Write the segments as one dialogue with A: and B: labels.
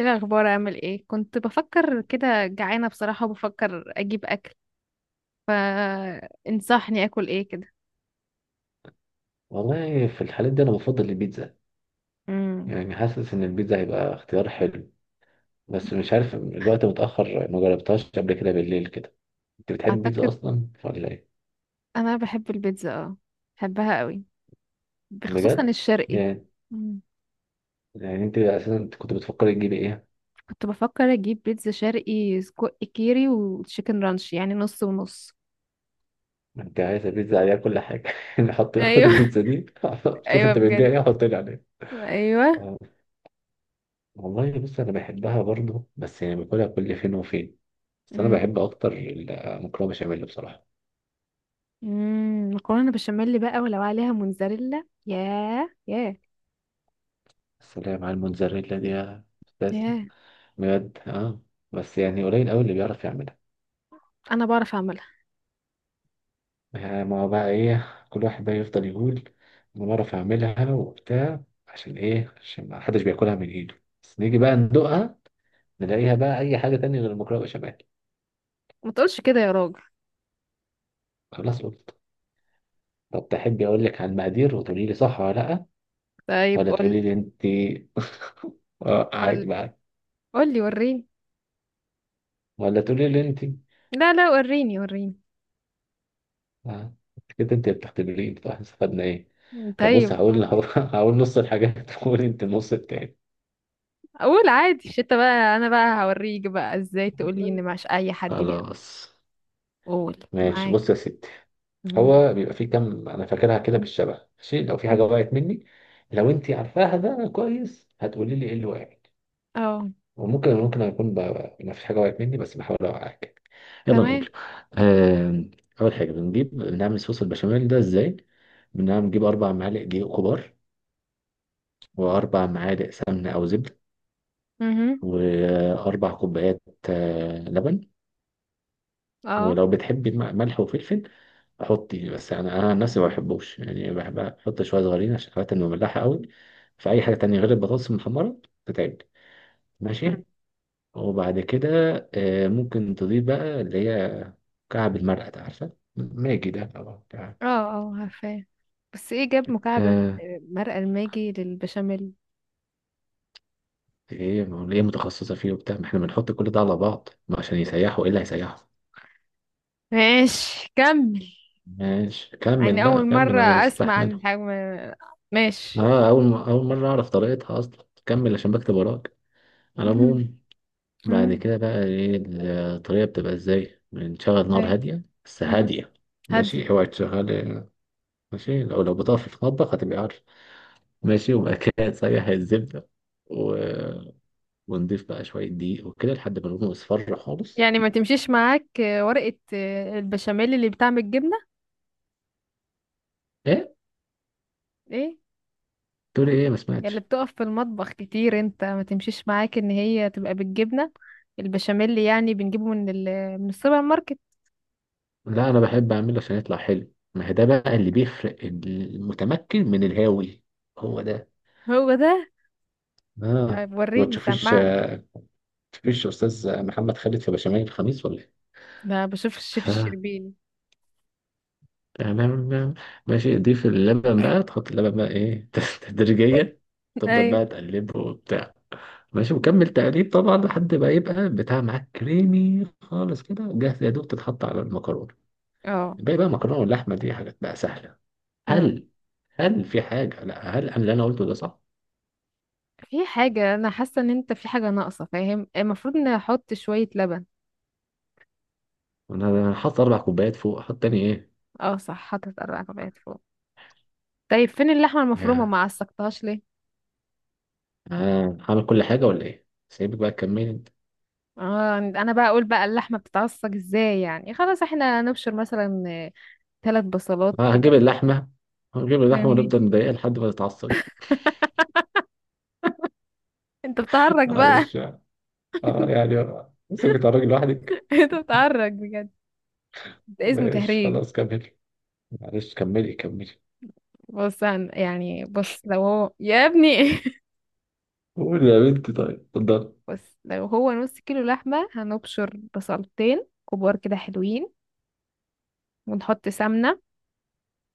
A: ايه الاخبار؟ اعمل ايه؟ كنت بفكر كده، جعانه بصراحه، وبفكر اجيب اكل، فانصحني اكل ايه كده.
B: والله في الحالات دي انا بفضل البيتزا.
A: امم.
B: يعني حاسس ان البيتزا هيبقى اختيار حلو. بس مش عارف، الوقت متأخر، ما جربتهاش قبل كده بالليل كده. انت بتحب البيتزا
A: اعتقد
B: اصلا ولا ايه؟
A: انا بحب البيتزا، اه، بحبها قوي، خصوصا
B: بجد؟
A: الشرقي.
B: يعني
A: مم.
B: يعني انت اساسا كنت بتفكر تجيبي ايه؟
A: كنت بفكر اجيب بيتزا شرقي سجق كيري وتشيكن رانش، يعني نص ونص.
B: انت عايز البيتزا عليها كل حاجه نحط، خد
A: ايوه.
B: البيتزا دي. شوف
A: ايوه
B: انت بتبيع
A: بجد.
B: ايه، حط لي عليها.
A: ايوه.
B: آه، والله بص، انا بحبها برضو، بس يعني باكلها كل فين وفين. بس انا
A: امم.
B: بحب اكتر المكرونه بشاميل، بصراحه.
A: مكرونه بشاميل بقى، ولو عليها موتزاريلا، ياه ياه.
B: بس اللي هي مع الموتزاريلا دي يا أستاذ.
A: ياه.
B: بجد، اه. بس يعني قليل قوي اللي بيعرف يعملها.
A: انا بعرف اعملها.
B: يعني ما هو بقى ايه، كل واحد بقى يفضل يقول: انا بعرف اعملها وبتاع. عشان ايه؟ عشان ما حدش بياكلها من ايده، بس نيجي بقى ندوقها، نلاقيها بقى اي حاجه تانية غير المكرونه بشاميل.
A: ما تقولش كده يا راجل.
B: خلاص قلت. طب تحبي اقول لك على المقادير وتقولي لي صح ولا لا؟
A: طيب
B: ولا
A: قول.
B: تقولي لي انت؟ اه،
A: قول،
B: قاعد بقى.
A: قولي وريني.
B: ولا تقولي لي انت؟
A: لا لا، وريني وريني.
B: آه. كده انت بتختبرين؟ طب احنا استفدنا ايه؟ طب بص،
A: طيب قول.
B: هقول هقول نص الحاجات وقولي انت النص التاني.
A: اقول عادي؟ مش انت بقى، انا بقى هوريك بقى ازاي، تقولي ان مش اي حد بيقى.
B: خلاص.
A: قول
B: ماشي،
A: معاك.
B: بص يا ستي.
A: مم.
B: هو بيبقى فيه كام، انا فاكرها كده بالشبه، ماشي، لو في حاجه
A: مم.
B: وقعت مني، لو انت عارفاها ده كويس، هتقولي لي ايه اللي وقعت.
A: اه.
B: وممكن ممكن اكون ما فيش حاجه وقعت مني، بس بحاول اوقعك. يلا
A: تمام.
B: نقول. آم، اول حاجه، بنجيب بنعمل صوص البشاميل ده ازاي؟ بنجيب اربع معالق دقيق كبار، واربع معالق سمنه او زبده،
A: مهم.
B: واربع كوبايات لبن.
A: اه.
B: ولو بتحبي ملح وفلفل، احط يعني، بس يعني انا عن نفسي ما بحبوش، يعني بحب احط شويه صغيرين عشان خاطر انه مملحه قوي. فاي حاجه تانية غير البطاطس المحمره تتعب.
A: مم.
B: ماشي. وبعد كده آه، ممكن تضيف بقى اللي هي كعب المرقه ده، عارفه ماجي ده طبعا كعب.
A: اه، اه عارفاه. بس ايه جاب مكعب
B: آه.
A: مرقة الماجي للبشاميل؟
B: ايه، ما هو ليه متخصصه فيه وبتاع، ما احنا بنحط كل ده على بعض ما عشان يسيحوا، ايه اللي هيسيحوا؟
A: ماشي كمل.
B: ماشي كمل
A: يعني اول
B: بقى، كمل
A: مرة
B: انا
A: اسمع عن
B: مستحمله.
A: الحجم. ماشي.
B: اه، اول اول مره اعرف طريقتها اصلا، كمل عشان بكتب وراك. على
A: مم.
B: العموم، بعد
A: مم.
B: كده بقى ايه؟ الطريقة بتبقى ازاي؟ بنشغل نار
A: أي.
B: هادية، بس
A: مم.
B: هادية. ماشي،
A: هادية.
B: اوعي تشغل. ماشي، لو بتقف في المطبخ هتبقى عارف. ماشي، وبعد كده تسيح الزبدة و... ونضيف بقى شوية دقيق وكده لحد ما لونه يصفر خالص.
A: يعني ما تمشيش معاك، ورقة، البشاميل اللي بتعمل جبنة؟
B: ايه؟
A: ايه.
B: تقولي ايه؟ ما
A: يا اللي
B: سمعتش.
A: بتقف في المطبخ كتير، انت ما تمشيش معاك ان هي تبقى بالجبنة؟ البشاميل اللي يعني بنجيبه من السوبر ماركت.
B: لا، انا بحب اعمله عشان يطلع حلو، ما هي ده بقى اللي بيفرق المتمكن من الهاوي. هو ده.
A: هو ده.
B: اه، ما
A: وريني
B: تشوفيش؟
A: سمعني.
B: تشوفيش استاذ محمد خالد في بشاميل الخميس ولا ايه؟
A: ده بشوف الشيف
B: ف
A: الشربيني.
B: تمام بقى. ماشي، ضيف اللبن بقى، تحط اللبن بقى ايه تدريجيا. تفضل
A: ايوه.
B: بقى تقلبه وبتاع. ماشي، وكمل تقليب طبعا لحد ما يبقى بتاع معاك كريمي خالص، كده جاهز يا دوب تتحط على المكرونة.
A: اه.
B: الباقي بقى مكرونة واللحمة، دي حاجات بقى سهلة.
A: أمم.
B: هل هل في حاجة؟ لا، هل أنا اللي قلته ده صح؟
A: في حاجة، انا حاسة ان انت في حاجة ناقصة، فاهم؟ المفروض ان احط شوية لبن.
B: أنا هحط أربع كوبايات فوق، أحط تاني إيه؟
A: اه صح، حطيت 4 كوبايات فوق. طيب فين اللحمة المفرومة؟
B: يا
A: ما عصقتهاش.
B: آه، هعمل كل حاجة ولا إيه؟ سيبك بقى تكملي أنت.
A: اه، انا بقى اقول بقى اللحمه بتتعصج ازاي، يعني خلاص احنا نبشر مثلا 3 بصلات
B: آه،
A: كده.
B: هجيب اللحمة، هنجيب اللحمة
A: فاهمني؟
B: ونفضل نضايقها لحد ما تتعصب.
A: انت بتهرج بقى.
B: معلش. اه، يعني سيبك تتعرجي لوحدك.
A: انت بتهرج بجد. ده اسمه
B: ماشي
A: تهريج.
B: خلاص، كملي. معلش، كملي كملي.
A: بص يعني بص لو هو يا ابني.
B: قول يا بنتي، طيب اتفضل.
A: بص لو هو نص كيلو لحمه، هنبشر بصلتين كبار كده حلوين. ونحط سمنه.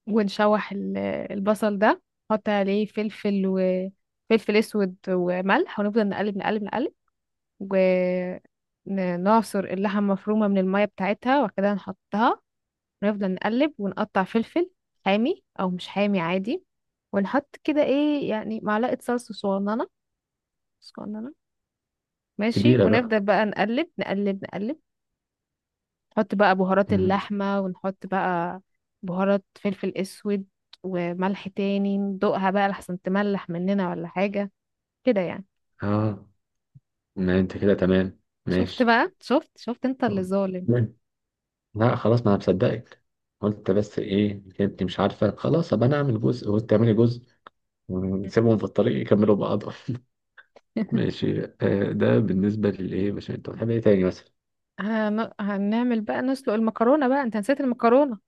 A: ونشوح البصل ده. نحط عليه فلفل، وفلفل اسود وملح، ونفضل نقلب نقلب نقلب. ونعصر اللحمة المفرومة من المية بتاعتها، وبعد كده نحطها. ونفضل نقلب، ونقطع فلفل حامي أو مش حامي عادي. ونحط كده ايه يعني، معلقة صلصة صغننة صغننة. ماشي.
B: كبيرة بقى.
A: ونفضل بقى نقلب نقلب نقلب. نحط بقى بهارات
B: مم.
A: اللحمة، ونحط بقى بهارات فلفل أسود وملح تاني. ندوقها بقى لحسن تملح مننا ولا حاجة. كده يعني.
B: اه، ما انت كده تمام.
A: شفت
B: ماشي.
A: بقى؟ شفت انت اللي ظالم.
B: مم. لا خلاص، ما انا مصدقك. قلت، بس ايه، انت مش عارفة، خلاص ابقى انا اعمل جزء وانت تعملي جزء، ونسيبهم في الطريق يكملوا بعضهم ماشي، آه. ده بالنسبة للايه، مش انت بتحب ايه تاني مثلا؟
A: هنعمل بقى نسلق المكرونة بقى، انت نسيت المكرونة.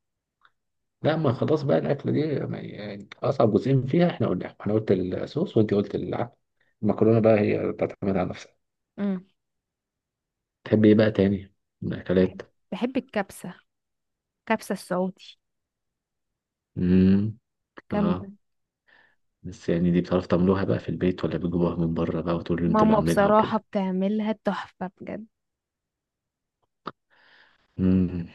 B: لا، ما خلاص بقى الاكله دي، يعني اصعب جزئين فيها احنا قلنا: انا قلت الصوص وانت قلت العدس. المكرونه بقى هي تعتمد على نفسها.
A: امم.
B: تحب ايه بقى تاني من
A: بحب،
B: الاكلات؟
A: بحب الكبسة، كبسة السعودي،
B: امم. اه.
A: جامدة.
B: بس يعني، دي بتعرف تعملوها بقى في البيت، ولا بتجيبوها من بره بقى وتقولوا انتوا اللي
A: ماما
B: عاملينها
A: بصراحة
B: وكده؟
A: بتعملها تحفة بجد.
B: امم.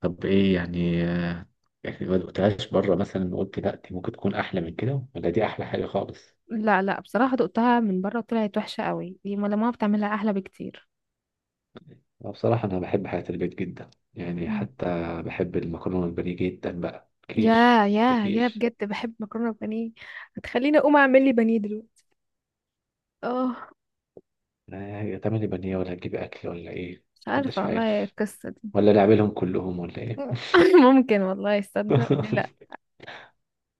B: طب ايه يعني يعني ما دقتهاش بره مثلا قلت لا دي ممكن تكون احلى من كده، ولا دي احلى حاجه خالص؟
A: لا لا، بصراحة دقتها من بره وطلعت وحشة قوي، دي ما ماما بتعملها أحلى بكتير.
B: أنا بصراحه، انا بحب حاجات البيت جدا، يعني
A: مم.
B: حتى بحب المكرونه البانيه جدا، بقى
A: يا
B: كيش ده
A: يا
B: كيش.
A: بجد بحب مكرونة بانيه. هتخليني أقوم أعمل لي بانيه دلوقتي. اه.
B: آه، هتعمل لي بانيه ولا هتجيب أكل ولا إيه؟
A: مش عارفة
B: محدش
A: والله،
B: عارف.
A: القصة دي.
B: ولا نعملهم كلهم ولا إيه؟
A: ممكن والله، يصدق، ليه لا؟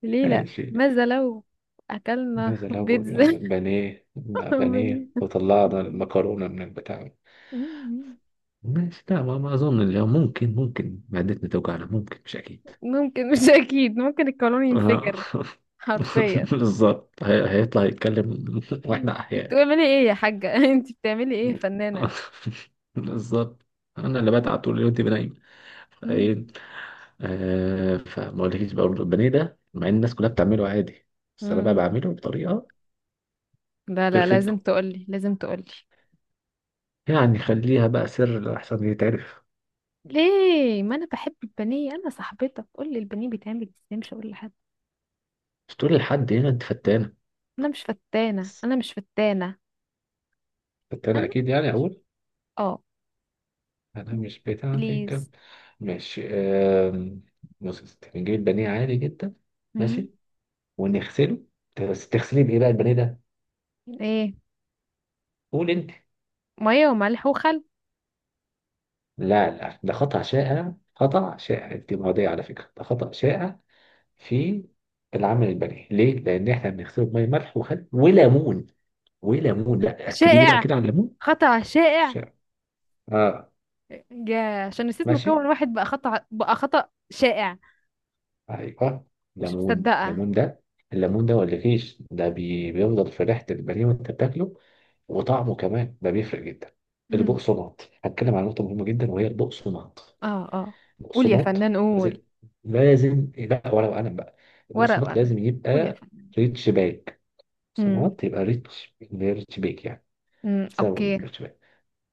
A: ليه لا؟
B: ماشي.
A: ماذا لو أكلنا
B: ماذا لو،
A: بيتزا
B: بانيه
A: وبانيه.
B: بانيه وطلعنا المكرونة من البتاع؟
A: مم.
B: ماشي، لا، ما أظن اليوم، ممكن معدتنا توجعنا، ممكن مش أكيد.
A: ممكن، مش اكيد، ممكن القانون
B: آه.
A: ينفجر حرفيا.
B: بالظبط، هيطلع يتكلم
A: مم.
B: وإحنا
A: انت
B: أحياء.
A: بتعملي ايه يا حاجة؟ انت بتعملي ايه يا فنانة؟
B: بالظبط، أنا اللي بتعب طول اليوم تبقى ايه.
A: مم.
B: فما اقولكيش بقى برضه البانيه ده، مع ان الناس كلها بتعمله عادي، بس انا بقى
A: مم.
B: بعمله بطريقه
A: لا لا،
B: بيرفكتو،
A: لازم تقولي، لازم تقولي.
B: يعني خليها بقى سر احسن يتعرف.
A: ليه؟ ما انا بحب البانيه، انا صاحبتك، قولي البانيه بيتعمل ازاي، مش هقول لحد.
B: مش تقول لحد؟ هنا انت فتانه.
A: انا مش فتانة،
B: بس
A: انا مش فتانة.
B: فتانه
A: انا
B: اكيد، يعني
A: مش،
B: اقول؟
A: اه،
B: انا مش بتاعتك.
A: بليز.
B: ماشي، بص يا ستي، نجيب البانيه عادي جدا.
A: مم.
B: ماشي، ونغسله. بس تغسليه بايه بقى البانيه ده؟
A: ايه؟
B: قول انت.
A: مية وملح وخل.
B: لا لا، ده خطأ شائع، خطأ شائع، انت معدية على فكرة، ده خطأ شائع في العمل البني. ليه؟ لأن إحنا بنغسله بمية ملح وخل وليمون. وليمون، لا، أكدي لي بقى
A: شائع
B: كده على الليمون.
A: خطأ شائع.
B: ش- آه.
A: يا، عشان نسيت مكون
B: ماشي،
A: واحد بقى خطأ، بقى خطأ شائع.
B: أيوه.
A: مش
B: ليمون
A: مصدقة.
B: ليمون ده، الليمون ده ولا فيش، ده بيفضل في ريحة البانيه وأنت بتاكله، وطعمه كمان ده بيفرق جدا.
A: امم.
B: البقسماط، هتكلم عن نقطة مهمة جدا وهي البقسماط.
A: اه اه. قول يا
B: البقسماط
A: فنان، قول.
B: لازم، لازم، لا، ولا وقلم بقى،
A: ورق
B: البقسماط
A: وقلم.
B: لازم
A: قول يا
B: يبقى
A: فنان.
B: ريتش باك،
A: امم.
B: بقسماط يبقى ريتش باك يعني،
A: امم،
B: سبب
A: اوكي.
B: من الارتباك.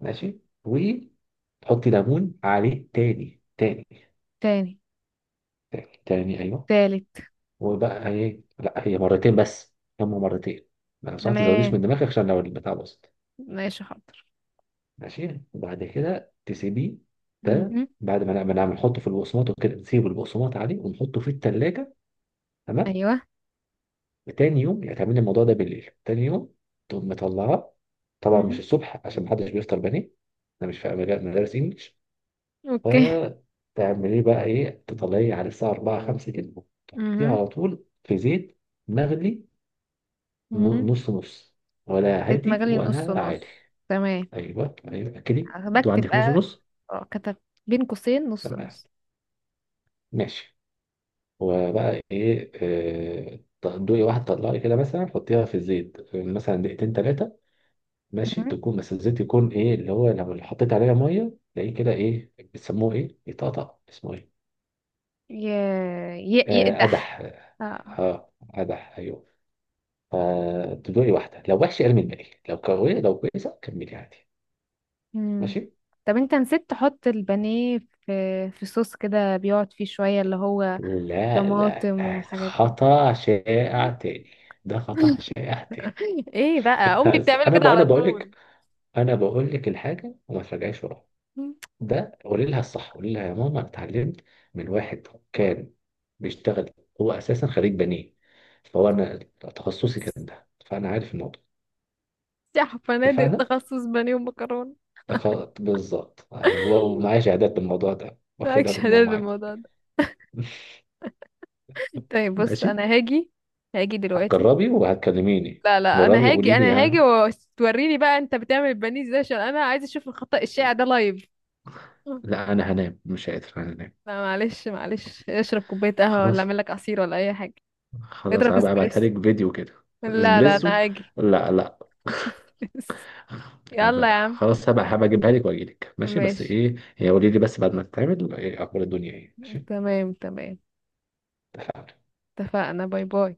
B: ماشي، وتحطي ليمون عليه تاني تاني،
A: تاني.
B: تاني تاني، ايوه.
A: تالت.
B: وبقى ايه؟ لا هي مرتين بس، هم مرتين. لو صح ما تزوديش
A: تمام،
B: من دماغك، عشان لو البتاع باظت.
A: ماشي، حاضر.
B: ماشي، وبعد كده تسيبيه. ده
A: امم.
B: بعد ما نعمل، نحطه في البقسماط وكده، نسيب البقسماط عليه ونحطه في التلاجة. تمام.
A: ايوه.
B: تاني يوم يعني تعملي الموضوع ده بالليل، تاني يوم تقوم مطلعاه، طبعا مش
A: امم.
B: الصبح عشان محدش بيفطر بني، ده مش في مدارس انجلش.
A: اوكي.
B: فتعمليه بقى ايه، تطلعيه على الساعة 4 5 كده، تحطيه
A: امم.
B: على طول في زيت مغلي، ن-
A: امم.
B: نص نص، ولا
A: زيت
B: هادي
A: مغلي نص
B: ولا عالي.
A: نص، تمام.
B: ايوه ايوه كده. انتوا
A: بكتب
B: عندك نص
A: بقى.
B: نص.
A: اه كتب. بين قوسين نص
B: تمام.
A: نص.
B: ماشي، وبقى ايه؟ آه، دوقي واحد، طلعي كده مثلا، حطيها في الزيت مثلا دقيقتين ثلاثة. ماشي،
A: امم.
B: تكون بس الزيت يكون ايه اللي هو، لو اللي حطيت عليها مية تلاقيه كده ايه بيسموه، ايه يطقطق، اسمه ايه؟
A: ي...
B: آه،
A: يقدح.
B: قدح.
A: اه.
B: اه، قدح، ايوه. فتدوقي واحدة، لو وحش ارمي الباقي، لو كويسة كملي عادي.
A: مم.
B: ماشي.
A: طب انت نسيت تحط البانيه في صوص كده بيقعد فيه شوية، اللي هو
B: لا لا
A: طماطم
B: لا،
A: والحاجات دي.
B: خطأ شائع تاني، ده خطأ شائع تاني.
A: ايه بقى، امي
B: بس
A: بتعمله كده على
B: انا بقول
A: طول.
B: لك، انا بقول لك الحاجة وما تراجعيش وراها. ده قولي لها الصح، قولي لها يا ماما: انا اتعلمت من واحد كان بيشتغل، هو اساسا خريج بنيه، انا تخصصي كان ده، فانا عارف الموضوع.
A: يا فنادق،
B: اتفقنا.
A: تخصص بانيه ومكرونه.
B: ده خ... بالظبط أيوة، ومعايا شهادات بالموضوع ده واخدها
A: مالكش
B: من
A: هدال
B: ماما عادي.
A: بالموضوع ده. طيب بص،
B: ماشي،
A: انا هاجي. هاجي دلوقتي.
B: جربي وهتكلميني.
A: لا لا، انا
B: جربي
A: هاجي،
B: قولي لي
A: انا هاجي،
B: يعني.
A: وتوريني بقى انت بتعمل البانيه ازاي، عشان انا عايزه اشوف الخطأ الشائع ده لايف.
B: لا انا هنام، مش قادر، انا هنام.
A: لا معلش معلش، اشرب كوبايه قهوه، ولا
B: خلاص،
A: اعمل لك عصير، ولا اي حاجه.
B: خلاص
A: اضرب
B: هبقى ابعتها
A: اسبريسو.
B: لك فيديو كده.
A: لا لا،
B: اسبريسو؟
A: انا هاجي.
B: لا لا.
A: يلا يا عم.
B: خلاص هبقى اجيبها لك واجي لك، ماشي، بس
A: ماشي.
B: ايه هي، قولي لي بس بعد ما تتعمل ايه اخبار الدنيا ايه، ماشي.
A: تمام تمام.
B: اتفقنا.
A: اتفقنا. باي باي.